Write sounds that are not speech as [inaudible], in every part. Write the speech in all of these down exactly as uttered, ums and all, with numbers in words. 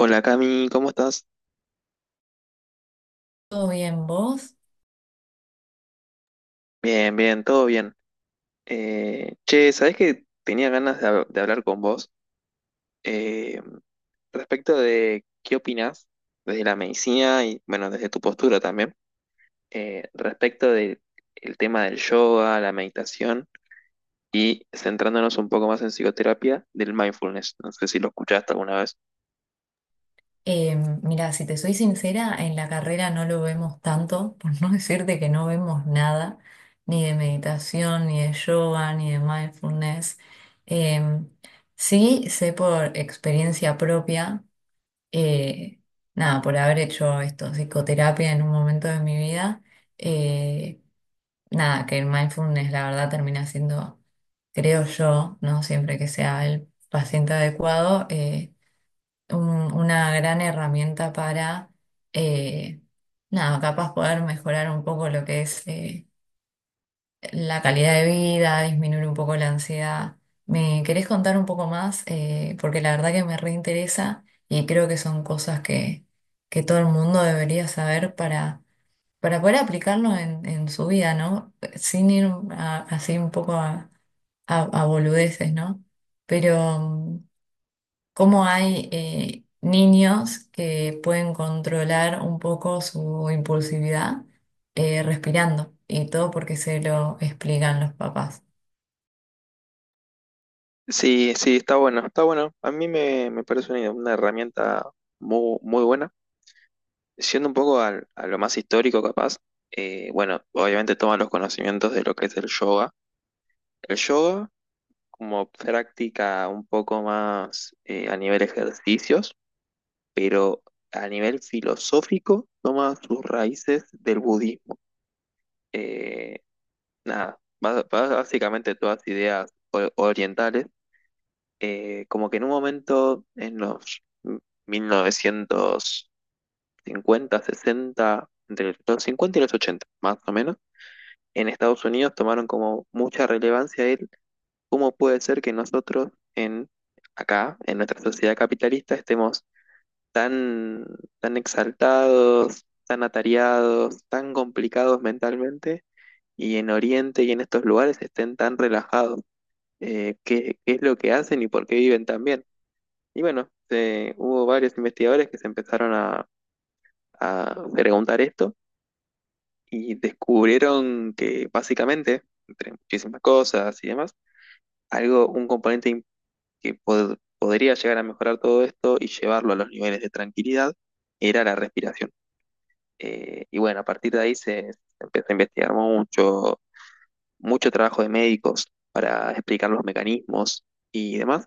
Hola Cami, ¿cómo estás? Todo bien, vos. Bien, bien, todo bien. Eh, che, ¿sabés que tenía ganas de, hab- de hablar con vos eh, respecto de qué opinás desde la medicina y, bueno, desde tu postura también, eh, respecto del tema del yoga, la meditación y centrándonos un poco más en psicoterapia del mindfulness? No sé si lo escuchaste alguna vez. Eh, Mira, si te soy sincera, en la carrera no lo vemos tanto, [laughs] por no decirte que no vemos nada, ni de meditación, ni de yoga, ni de mindfulness. Eh, sí, sé por experiencia propia, eh, nada, por haber hecho esto, psicoterapia en un momento de mi vida, eh, nada, que el mindfulness la verdad termina siendo, creo yo, ¿no? Siempre que sea el paciente adecuado, eh, un- una gran herramienta para, eh, nada, capaz poder mejorar un poco lo que es eh, la calidad de vida, disminuir un poco la ansiedad. ¿Me querés contar un poco más? Eh, porque la verdad que me reinteresa y creo que son cosas que, que todo el mundo debería saber para, para poder aplicarlo en, en su vida, ¿no? Sin ir a- Así un poco a, a, a boludeces, ¿no? Pero mm, cómo hay eh, niños que pueden controlar un poco su impulsividad eh, respirando y todo porque se lo explican los papás. Sí, sí, está bueno, está bueno. A mí me, me parece una, una herramienta muy, muy buena. Siendo un poco al- a, lo más histórico capaz, eh, bueno, obviamente toma los conocimientos de lo que es el yoga. El yoga como práctica un poco más eh, a nivel ejercicios, pero a nivel filosófico toma sus raíces del budismo. Eh, nada, ba- ba- básicamente todas ideas o- orientales, eh, como que en un momento en los mil novecientos cincuenta, sesenta, entre los cincuenta y los ochenta, más o menos en Estados Unidos tomaron como mucha relevancia el cómo puede ser que nosotros en acá, en nuestra sociedad capitalista, estemos tan, tan exaltados, tan atareados, tan complicados mentalmente, y en Oriente y en estos lugares estén tan relajados. Eh, ¿qué, qué es lo que hacen y por qué viven tan bien? Y bueno, se- hubo varios investigadores que se empezaron a, a preguntar esto y descubrieron que básicamente, entre muchísimas cosas y demás, algo, un componente im- que pod- podría llegar a mejorar todo esto y llevarlo a los niveles de tranquilidad era la respiración. Eh, y bueno, a partir de ahí se, se empezó a investigar mucho, mucho trabajo de médicos para explicar los mecanismos y demás.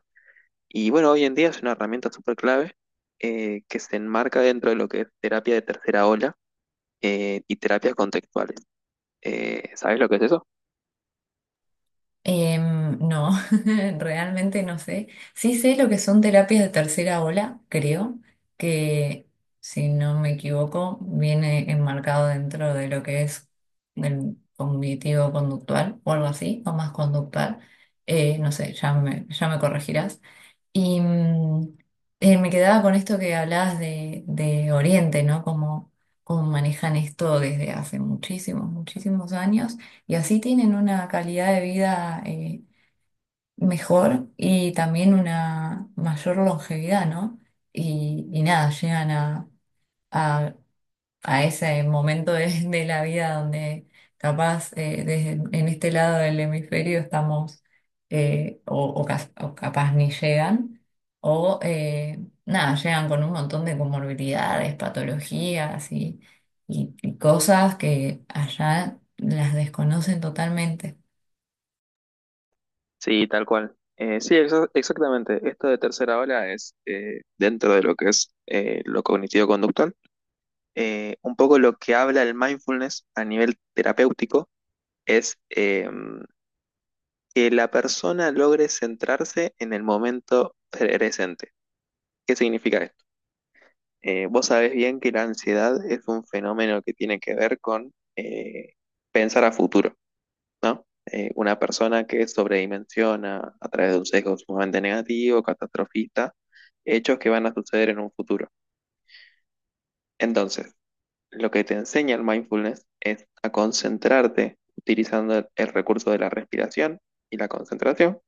Y bueno, hoy en día es una herramienta súper clave eh, que se enmarca dentro de lo que es terapia de tercera ola eh, y terapias contextuales. Eh, ¿sabes lo que es eso? Em, no, [laughs] realmente no sé. Sí sé lo que son terapias de tercera ola, creo, que si no me equivoco viene enmarcado dentro de lo que es el cognitivo conductual o algo así, o más conductual. Eh, no sé, ya me, ya me corregirás. Y mm, eh, me quedaba con esto que hablabas de, de Oriente, ¿no? Como, como manejan esto desde hace muchísimos, muchísimos años y así tienen una calidad de vida eh, mejor y también una mayor longevidad, ¿no? Y, y nada, llegan a, a ese momento de, de la vida donde capaz eh, desde, en este lado del hemisferio estamos eh, o, o cas- o capaz ni llegan o eh, nada, llegan con un montón de comorbilidades, patologías y, y- y cosas que allá las desconocen totalmente. Sí, tal cual. Eh, sí, exa- exactamente. Esto de tercera ola es, eh, dentro de lo que es eh, lo cognitivo-conductual, eh, un poco lo que habla el mindfulness a nivel terapéutico es eh, que la persona logre centrarse en el momento presente. ¿Qué significa esto? Eh, vos sabés bien que la ansiedad es un fenómeno que tiene que ver con eh, pensar a futuro. ¿No? Eh, una persona que sobredimensiona a través de un sesgo sumamente negativo, catastrofista, hechos que van a suceder en un futuro. Entonces, lo que te enseña el mindfulness es a concentrarte utilizando el, el recurso de la respiración y la concentración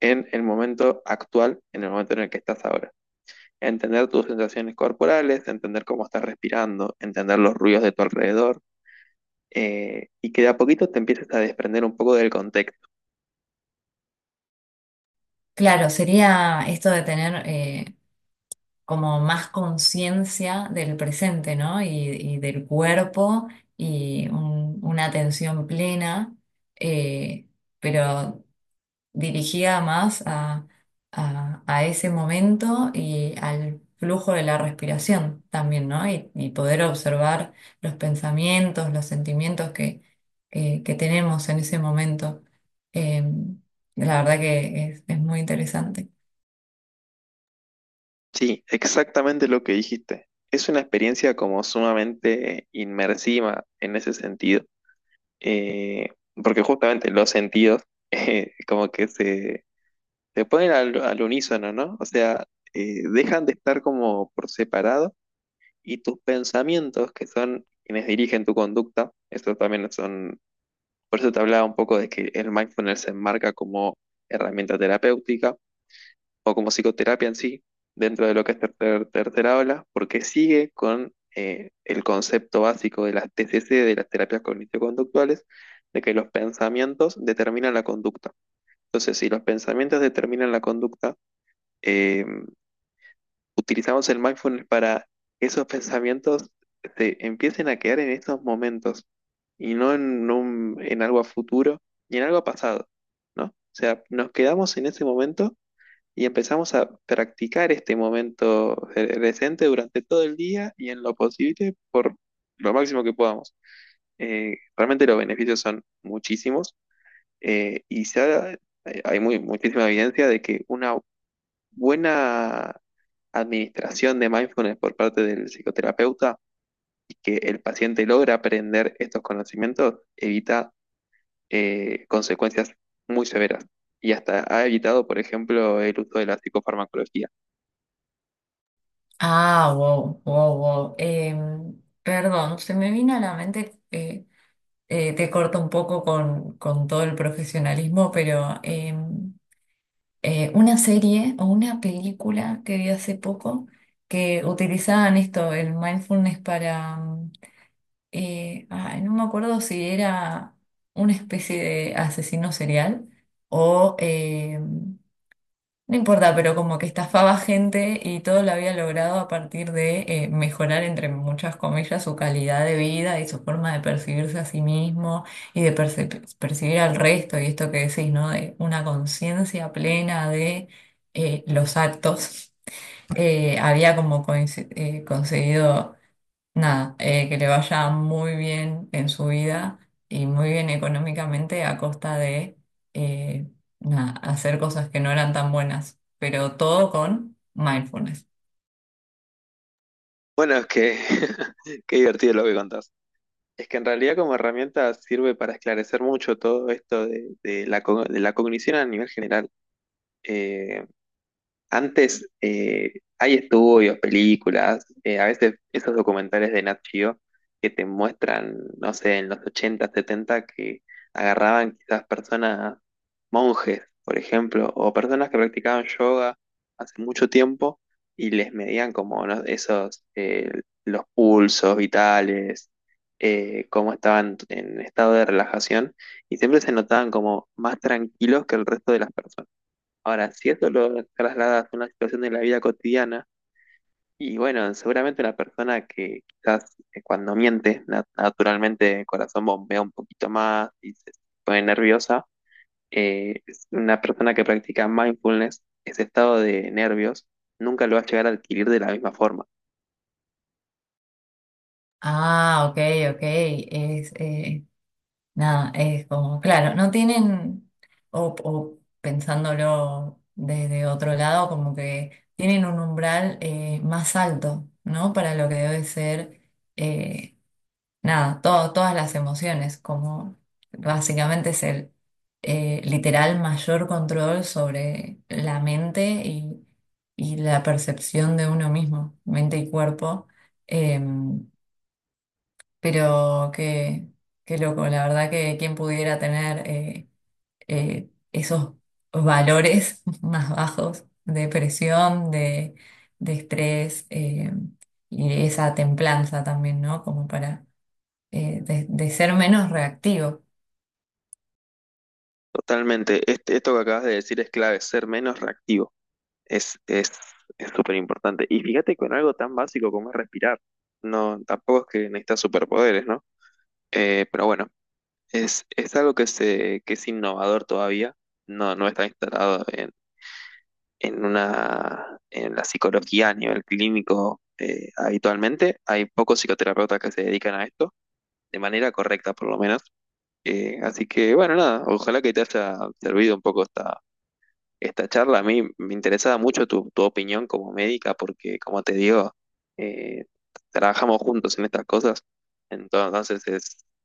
en el momento actual, en el momento en el que estás ahora. Entender tus sensaciones corporales, entender cómo estás respirando, entender los ruidos de tu alrededor eh, y que de a poquito te empieces a desprender un poco del contexto. Claro, sería esto de tener eh, como más conciencia del presente, ¿no? Y, y del cuerpo y un- una atención plena, eh, pero dirigida más a, a- a ese momento y al flujo de la respiración también, ¿no? Y, y poder observar los pensamientos, los sentimientos que, que- que tenemos en ese momento. Eh, la verdad que es es muy interesante. Sí, exactamente lo que dijiste. Es una experiencia como sumamente inmersiva en ese sentido. Eh, porque justamente los sentidos [laughs] eh, como que se, se ponen al, al unísono, ¿no? O sea, eh, dejan de estar como por separado y tus pensamientos, que son quienes dirigen tu conducta, eso también son, por eso te hablaba un poco de que el mindfulness se enmarca como herramienta terapéutica o como psicoterapia en sí, dentro de lo que es tercer- tercera ola, porque sigue con eh, el concepto básico de las T C C, de las terapias cognitivo-conductuales, de que los pensamientos determinan la conducta. Entonces, si los pensamientos determinan la conducta, eh, utilizamos el mindfulness para que esos pensamientos se empiecen a quedar en estos momentos y no en, un- en algo a futuro ni en algo a pasado, ¿no? O sea, nos quedamos en ese momento y empezamos a practicar este momento presente durante todo el día y en lo posible por lo máximo que podamos. Eh, realmente los beneficios son muchísimos eh, y se ha- eh, hay muy, muchísima evidencia de que una buena administración de mindfulness por parte del psicoterapeuta y que el paciente logra aprender estos conocimientos evita eh, consecuencias muy severas y hasta ha evitado, por ejemplo, el uso de la psicofarmacología. Ah, wow, wow, wow. Em, perdón, se me vino a la mente, eh, eh, te corto un poco con, con todo el profesionalismo, pero em, eh, una serie o una película que vi hace poco que utilizaban esto, el mindfulness para, mm, eh, ay, no me acuerdo si era una especie de asesino serial o em, no importa, pero como que estafaba gente y todo lo había logrado a partir de eh, mejorar, entre muchas comillas, su calidad de vida y su forma de percibirse a sí mismo y de perci- percibir al resto. Y esto que decís, ¿no? De una conciencia plena de eh, los actos. Eh, había como coinci- eh, conseguido nada, eh, que le vaya muy bien en su vida y muy bien económicamente a costa de eh, nada, hacer cosas que no eran tan buenas, pero todo con mindfulness. Bueno, es que [laughs] qué divertido lo que contás. Es que en realidad como herramienta sirve para esclarecer mucho todo esto de, de la, co- de la cognición a nivel general. eh, antes eh, hay estudios, películas, eh, a veces esos documentales de Nat Geo que te muestran, no sé, en los ochenta, setenta que agarraban quizás personas, monjes, por ejemplo, o personas que practicaban yoga hace mucho tiempo y les medían, como ¿no?, esos, eh, los pulsos vitales, eh, cómo estaban en estado de relajación y siempre se notaban como más tranquilos que el resto de las personas. Ahora, si eso lo trasladas a una situación de la vida cotidiana, y bueno, seguramente una persona que quizás eh, cuando miente, na- naturalmente el corazón bombea un poquito más y se pone nerviosa, eh, es una persona que practica mindfulness, ese estado de nervios, nunca lo va a llegar a adquirir de la misma forma. Ah, ok, ok. Es, eh, nada, es como, claro, no tienen, o, o pensándolo desde otro lado, como que tienen un umbral eh, más alto, ¿no? Para lo que debe ser. eh, Nada, todo- todas las emociones, como básicamente es el eh, literal mayor control sobre la mente y, y la percepción de uno mismo, mente y cuerpo. Eh, pero qué, qué loco, la verdad que quien pudiera tener eh, eh, esos valores [laughs] más bajos de presión, de, de estrés eh, y esa templanza también, ¿no? Como para eh, de, de ser menos reactivo. Totalmente. Este- esto que acabas de decir es clave, ser menos reactivo. Es, es, es súper importante. Y fíjate con algo tan básico como es respirar. No, tampoco es que necesitas superpoderes, ¿no? Eh, pero bueno, es, es algo que, se, que es innovador todavía, no, no está instalado en, en, una, en la psicología a nivel clínico eh, habitualmente. Hay pocos psicoterapeutas que se dedican a esto, de manera correcta por lo menos. Eh, así que bueno, nada, ojalá que te haya servido un poco esta, esta charla. A mí me interesaba mucho tu, tu opinión como médica, porque como te digo, eh, trabajamos juntos en estas cosas. Entonces es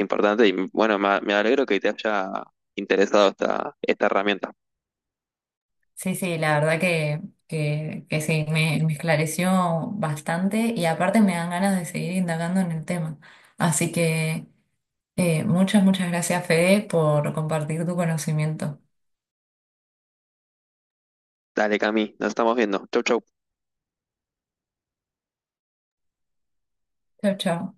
importante y bueno, me, me alegro que te haya interesado esta, esta herramienta. Sí, sí, la verdad que, que, que sí, me, me esclareció bastante y aparte me dan ganas de seguir indagando en el tema. Así que eh, muchas, muchas gracias, Fede, por compartir tu conocimiento. Dale, Cami, nos estamos viendo. Chau, chau. Chao, chao.